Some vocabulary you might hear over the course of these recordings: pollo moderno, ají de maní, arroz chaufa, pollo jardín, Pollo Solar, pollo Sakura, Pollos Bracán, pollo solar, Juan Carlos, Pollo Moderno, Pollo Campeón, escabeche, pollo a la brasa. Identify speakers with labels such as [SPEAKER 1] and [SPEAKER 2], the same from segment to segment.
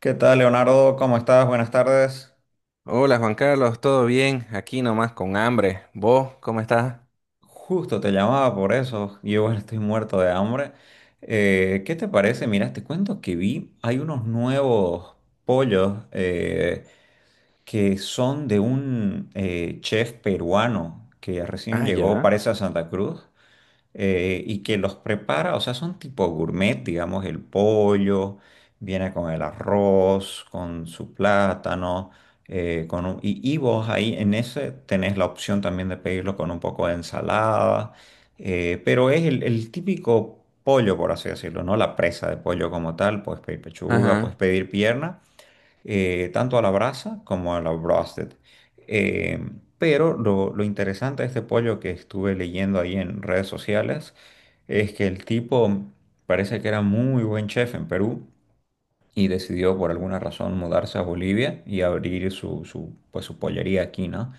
[SPEAKER 1] ¿Qué tal, Leonardo? ¿Cómo estás? Buenas tardes.
[SPEAKER 2] Hola Juan Carlos, ¿todo bien? Aquí nomás con hambre. ¿Vos cómo estás?
[SPEAKER 1] Justo te llamaba por eso. Yo igual estoy muerto de hambre. ¿Qué te parece? Mira, te cuento que vi, hay unos nuevos pollos que son de un chef peruano que recién
[SPEAKER 2] Ah,
[SPEAKER 1] llegó,
[SPEAKER 2] ya.
[SPEAKER 1] parece, a Santa Cruz. Y que los prepara, o sea, son tipo gourmet, digamos. El pollo viene con el arroz, con su plátano, y vos ahí en ese tenés la opción también de pedirlo con un poco de ensalada. Pero es el típico pollo, por así decirlo, ¿no? La presa de pollo como tal, puedes pedir pechuga, puedes
[SPEAKER 2] Ajá.
[SPEAKER 1] pedir pierna, tanto a la brasa como a la broasted. Eh, pero lo interesante de este pollo, que estuve leyendo ahí en redes sociales, es que el tipo parece que era muy buen chef en Perú y decidió por alguna razón mudarse a Bolivia y abrir su, su, pues, su pollería aquí, ¿no?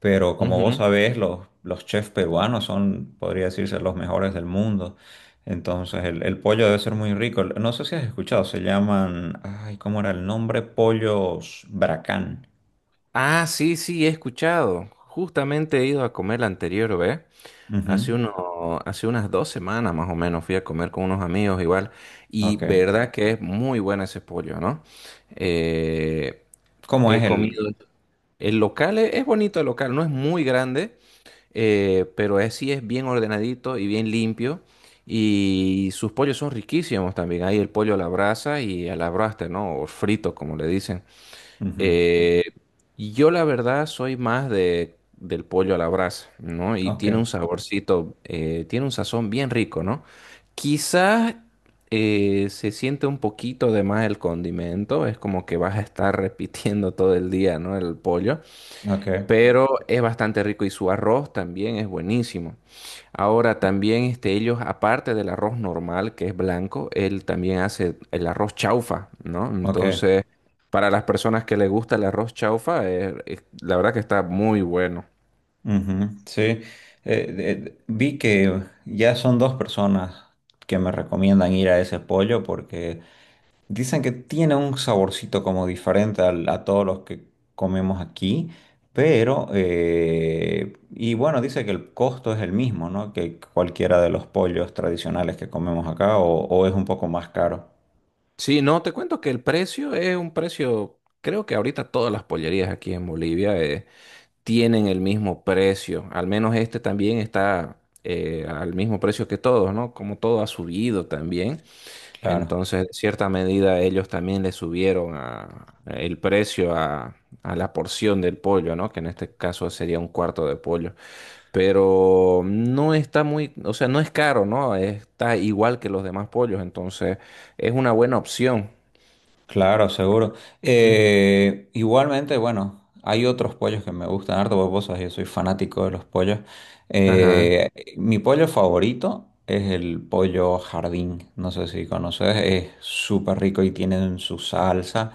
[SPEAKER 1] Pero como vos
[SPEAKER 2] Ujú.
[SPEAKER 1] sabés, los chefs peruanos son, podría decirse, los mejores del mundo. Entonces, el pollo debe ser muy rico. No sé si has escuchado, se llaman, ay, ¿cómo era el nombre? Pollos Bracán.
[SPEAKER 2] Ah, sí, sí, he escuchado. Justamente he ido a comer la anterior, ¿ves? Hace
[SPEAKER 1] Ujú.
[SPEAKER 2] uno, hace unas dos semanas más o menos fui a comer con unos amigos igual. Y
[SPEAKER 1] Ok.
[SPEAKER 2] verdad que es muy bueno ese pollo, ¿no? Eh,
[SPEAKER 1] ¿Cómo es
[SPEAKER 2] He
[SPEAKER 1] el...?
[SPEAKER 2] comido. El local es bonito, el local no es muy grande, pero sí es bien ordenadito y bien limpio. Y sus pollos son riquísimos también. Hay el pollo a la brasa y a la braster, ¿no? O frito, como le dicen.
[SPEAKER 1] Ujú.
[SPEAKER 2] Eh, yo la verdad soy más de, del pollo a la brasa, ¿no? Y
[SPEAKER 1] Ok,
[SPEAKER 2] tiene un saborcito, tiene un sazón bien rico, ¿no? Quizás se siente un poquito de más el condimento, es como que vas a estar repitiendo todo el día, ¿no? El pollo,
[SPEAKER 1] ok,
[SPEAKER 2] pero es bastante rico y su arroz también es buenísimo. Ahora también este, ellos, aparte del arroz normal, que es blanco, él también hace el arroz chaufa, ¿no?
[SPEAKER 1] ok.
[SPEAKER 2] Entonces, para las personas que les gusta el arroz chaufa, la verdad que está muy bueno.
[SPEAKER 1] Ujú. Sí. Eh, de- Vi que ya son dos personas que me recomiendan ir a ese pollo porque... Dicen que tiene un saborcito como diferente a todos los que comemos aquí, pero, y bueno, dice que el costo es el mismo, ¿no? Que cualquiera de los pollos tradicionales que comemos acá, o es un poco más caro.
[SPEAKER 2] Sí, no, te cuento que el precio es un precio, creo que ahorita todas las pollerías aquí en Bolivia tienen el mismo precio, al menos este también está al mismo precio que todos, ¿no? Como todo ha subido también.
[SPEAKER 1] Claro.
[SPEAKER 2] Entonces, en cierta medida, ellos también le subieron a- el precio a la porción del pollo, ¿no? Que en este caso sería un cuarto de pollo. Pero no está muy, o sea, no es caro, ¿no? Está igual que los demás pollos, entonces es una buena opción.
[SPEAKER 1] Claro, seguro.
[SPEAKER 2] Mm.
[SPEAKER 1] Igualmente, bueno, hay otros pollos que me gustan harto, porque vos sabés, yo soy fanático de los pollos.
[SPEAKER 2] Ajá.
[SPEAKER 1] Eh, Mi pollo favorito es el pollo jardín, no sé si conoces, es súper rico y tienen su salsa,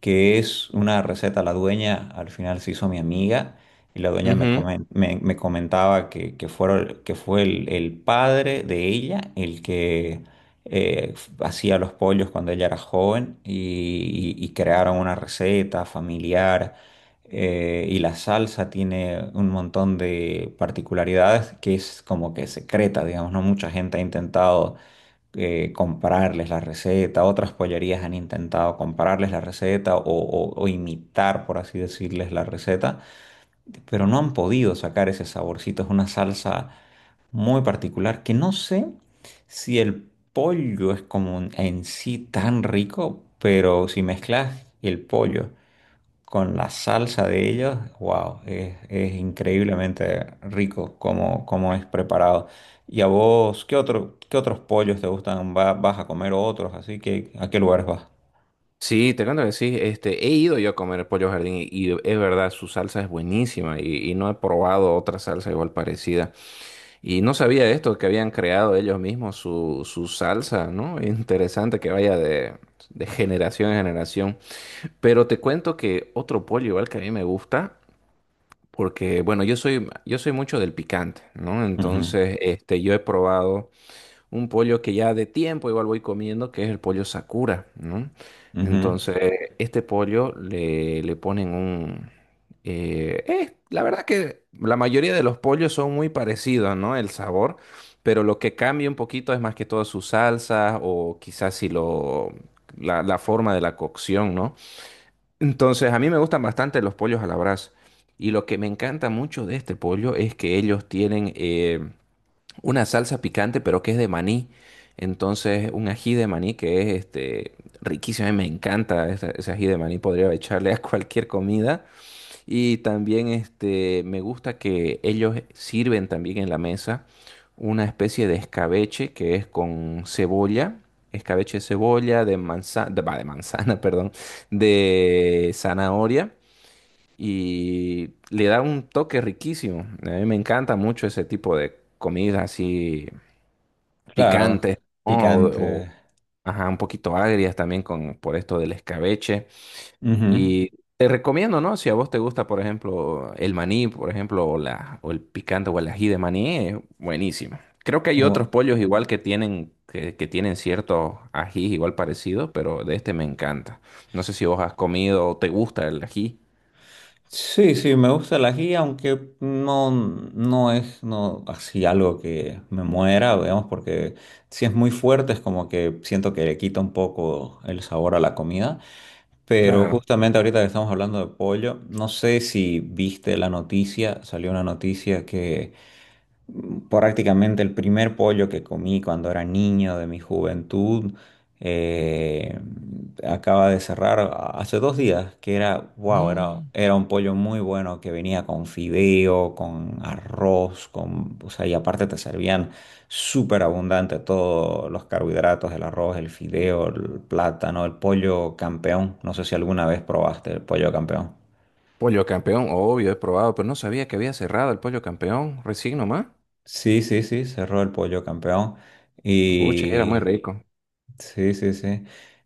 [SPEAKER 1] que es una receta. La dueña al final se hizo mi amiga y la dueña
[SPEAKER 2] Ujú.
[SPEAKER 1] me comentaba que, que fue el padre de ella el que eh, hacía los pollos cuando ella era joven y crearon una receta familiar. Y la salsa tiene un montón de particularidades, que es como que secreta, digamos. No mucha gente ha intentado, comprarles la receta. Otras pollerías han intentado comprarles la receta o imitar, por así decirles, la receta, pero no han podido sacar ese saborcito. Es una salsa muy particular que no sé si el pollo es como en sí tan rico, pero si mezclas el pollo con la salsa de ellos, wow, es increíblemente rico como, como es preparado. ¿Y a vos qué otro, qué otros pollos te gustan? ¿Vas a comer otros? Así que, ¿a qué lugares vas?
[SPEAKER 2] Sí, te cuento que sí, este, he ido yo a comer pollo jardín y es verdad, su salsa es buenísima y no he probado otra salsa igual parecida. Y no sabía de esto, que habían creado ellos mismos su, su salsa, ¿no? Interesante que vaya de generación en generación. Pero te cuento que otro pollo igual que a mí me gusta, porque bueno, yo soy mucho del picante, ¿no?
[SPEAKER 1] Ujú,
[SPEAKER 2] Entonces, este, yo he probado un pollo que ya de tiempo igual voy comiendo, que es el pollo Sakura, ¿no?
[SPEAKER 1] ujú.
[SPEAKER 2] Entonces, este pollo le ponen un... la verdad que la mayoría de los pollos son muy parecidos, ¿no? El sabor, pero lo que cambia un poquito es más que todo su salsa o quizás si lo... La forma de la cocción, ¿no? Entonces, a mí me gustan bastante los pollos a la brasa. Y lo que me encanta mucho de este pollo es que ellos tienen... una salsa picante, pero que es de maní. Entonces, un ají de maní que es este, riquísimo. A mí me encanta esa- ese, ají de maní. Podría echarle a cualquier comida. Y también este, me gusta que ellos sirven también en la mesa una especie de escabeche que es con cebolla. Escabeche de cebolla, de manzana, de, va, de manzana, perdón, de zanahoria y le da un toque riquísimo. A mí me encanta mucho ese tipo de comida así
[SPEAKER 1] Claro,
[SPEAKER 2] picante, ¿no?
[SPEAKER 1] picante.
[SPEAKER 2] O, ajá, un poquito agrias también con, por esto del escabeche. Y te recomiendo, ¿no? Si a vos te gusta, por ejemplo, el maní, por ejemplo, o, la, o el picante o el ají de maní, es buenísimo. Creo que hay otros
[SPEAKER 1] Ujú.
[SPEAKER 2] pollos igual que tienen, que tienen ciertos ajís igual parecidos, pero de este me encanta. No sé si vos has comido o te gusta el ají.
[SPEAKER 1] Sí, sí, me gusta la guía, aunque no, no es no, así algo que me muera, digamos, porque si es muy fuerte es como que siento que le quita un poco el sabor a la comida. Pero
[SPEAKER 2] Claro.
[SPEAKER 1] justamente ahorita que estamos hablando de pollo, no sé si viste la noticia, salió una noticia que prácticamente el primer pollo que comí cuando era niño de mi juventud. eh, Acaba de cerrar hace dos días, que era, wow, era,
[SPEAKER 2] No.
[SPEAKER 1] era un pollo muy bueno que venía con fideo, con arroz, con, o sea, y aparte te servían súper abundante todos los carbohidratos, el arroz, el fideo, el plátano, el pollo campeón. No sé si alguna vez probaste el pollo campeón.
[SPEAKER 2] Pollo Campeón, obvio, he probado, pero no sabía que había cerrado el Pollo Campeón, recién nomás.
[SPEAKER 1] Sí, sí, sí, cerró el pollo campeón.
[SPEAKER 2] Pucha, era
[SPEAKER 1] Y
[SPEAKER 2] muy rico.
[SPEAKER 1] sí, sí, sí.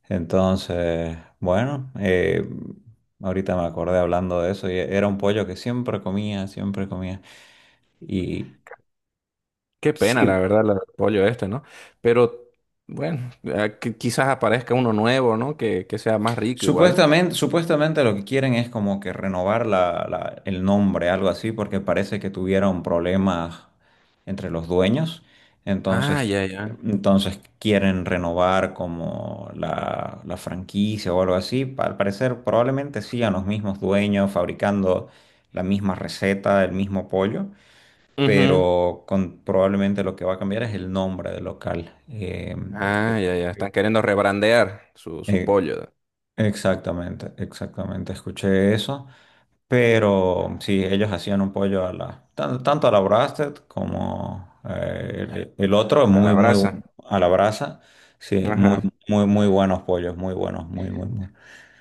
[SPEAKER 1] Entonces, bueno, ahorita me acordé hablando de eso y era un pollo que siempre comía, siempre comía. Y
[SPEAKER 2] Qué pena, la
[SPEAKER 1] sí,
[SPEAKER 2] verdad, el pollo este, ¿no? Pero bueno, quizás aparezca uno nuevo, ¿no? Que sea más rico igual.
[SPEAKER 1] supuestamente, supuestamente lo que quieren es como que renovar la, el nombre, algo así, porque parece que tuvieron problemas entre los dueños.
[SPEAKER 2] Ah,
[SPEAKER 1] Entonces,
[SPEAKER 2] ya, ya.
[SPEAKER 1] entonces quieren renovar como la franquicia o algo así. Al parecer, probablemente sigan los mismos dueños fabricando la misma receta, el mismo pollo,
[SPEAKER 2] Ujú.
[SPEAKER 1] pero con, probablemente lo que va a cambiar es el nombre del local.
[SPEAKER 2] Ah, ya, ya. Están queriendo rebrandear su, su
[SPEAKER 1] Eh,
[SPEAKER 2] pollo
[SPEAKER 1] Exactamente, exactamente, escuché eso. Pero sí, ellos hacían un pollo a la, tanto a la brasted como el otro,
[SPEAKER 2] a
[SPEAKER 1] muy,
[SPEAKER 2] la
[SPEAKER 1] muy
[SPEAKER 2] brasa.
[SPEAKER 1] a la brasa. Sí, muy,
[SPEAKER 2] Ajá.
[SPEAKER 1] muy, muy buenos pollos, muy buenos, muy, muy, muy.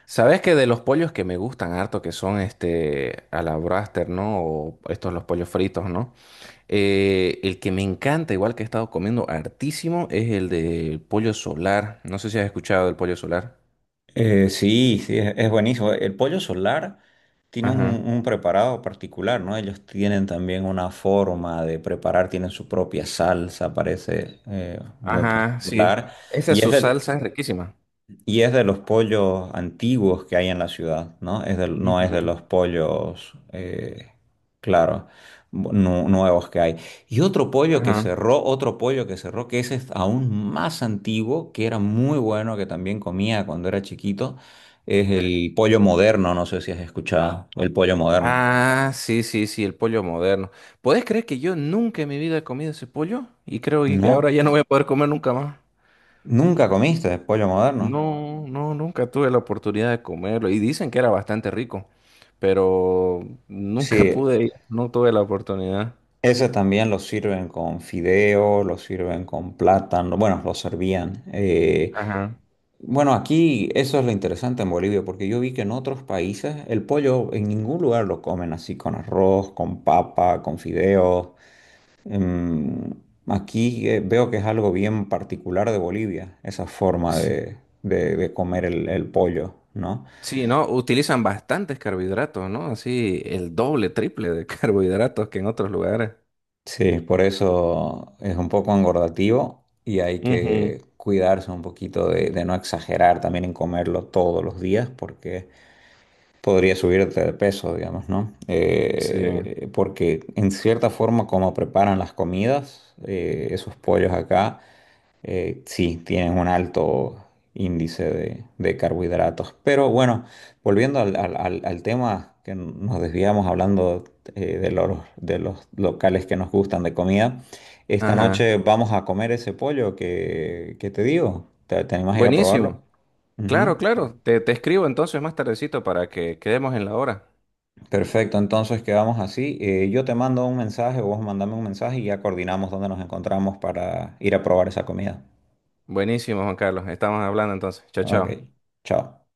[SPEAKER 2] ¿Sabes que de los pollos que me gustan harto, que son este a la braster, ¿no? O estos los pollos fritos, ¿no? El que me encanta, igual que he estado comiendo hartísimo, es el del pollo solar. No sé si has escuchado del pollo solar.
[SPEAKER 1] Sí, sí, es buenísimo. El pollo solar tiene
[SPEAKER 2] Ajá.
[SPEAKER 1] un preparado particular, ¿no? Ellos tienen también una forma de preparar, tienen su propia salsa, parece, muy
[SPEAKER 2] Ajá, sí.
[SPEAKER 1] particular.
[SPEAKER 2] Esa es
[SPEAKER 1] Y es
[SPEAKER 2] su
[SPEAKER 1] del,
[SPEAKER 2] salsa es riquísima.
[SPEAKER 1] Y es de los pollos antiguos que hay en la ciudad, ¿no? No es de
[SPEAKER 2] Ujú.
[SPEAKER 1] los pollos, claro, nuevos que hay. Y otro pollo que
[SPEAKER 2] Ajá.
[SPEAKER 1] cerró, otro pollo que cerró, que ese es aún más antiguo, que era muy bueno, que también comía cuando era chiquito, es el pollo moderno, no sé si has escuchado, el pollo moderno.
[SPEAKER 2] Ah, sí, sí, sí, el pollo moderno. ¿Podés creer que yo nunca en mi vida he comido ese pollo? Y creo y que ahora
[SPEAKER 1] No,
[SPEAKER 2] ya no voy a poder comer nunca más.
[SPEAKER 1] nunca comiste pollo moderno.
[SPEAKER 2] No, no, nunca tuve la oportunidad de comerlo. Y dicen que era bastante rico, pero nunca
[SPEAKER 1] Sí,
[SPEAKER 2] pude ir, no tuve la oportunidad.
[SPEAKER 1] ese también lo sirven con fideo, lo sirven con plátano, bueno, lo servían.
[SPEAKER 2] Ajá.
[SPEAKER 1] Bueno, aquí eso es lo interesante en Bolivia, porque yo vi que en otros países el pollo en ningún lugar lo comen así con arroz, con papa, con fideos. Em, Aquí veo que es algo bien particular de Bolivia, esa forma
[SPEAKER 2] Sí.
[SPEAKER 1] de, de comer el pollo, ¿no?
[SPEAKER 2] Sí, ¿no? Utilizan bastantes carbohidratos, ¿no? Así el doble, triple de carbohidratos que en otros lugares.
[SPEAKER 1] Sí, por eso es un poco engordativo y hay
[SPEAKER 2] Ujú.
[SPEAKER 1] que cuidarse un poquito de no exagerar también en comerlo todos los días, porque podría subirte de peso, digamos, ¿no?
[SPEAKER 2] Sí.
[SPEAKER 1] Porque en cierta forma como preparan las comidas, esos pollos acá, sí, tienen un alto índice de carbohidratos. Pero bueno, volviendo al tema, que nos desviamos hablando de los locales que nos gustan de comida, esta
[SPEAKER 2] Ajá.
[SPEAKER 1] noche vamos a comer ese pollo que te digo. ¿Te, te animas a ir a probarlo?
[SPEAKER 2] Buenísimo.
[SPEAKER 1] Ujú.
[SPEAKER 2] Claro, claro. Te escribo entonces más tardecito para que quedemos en la hora.
[SPEAKER 1] Perfecto, entonces quedamos así. Yo te mando un mensaje, vos mandame un mensaje y ya coordinamos dónde nos encontramos para ir a probar esa comida.
[SPEAKER 2] Buenísimo, Juan Carlos. Estamos hablando entonces. Chao,
[SPEAKER 1] Ok,
[SPEAKER 2] chao.
[SPEAKER 1] chao.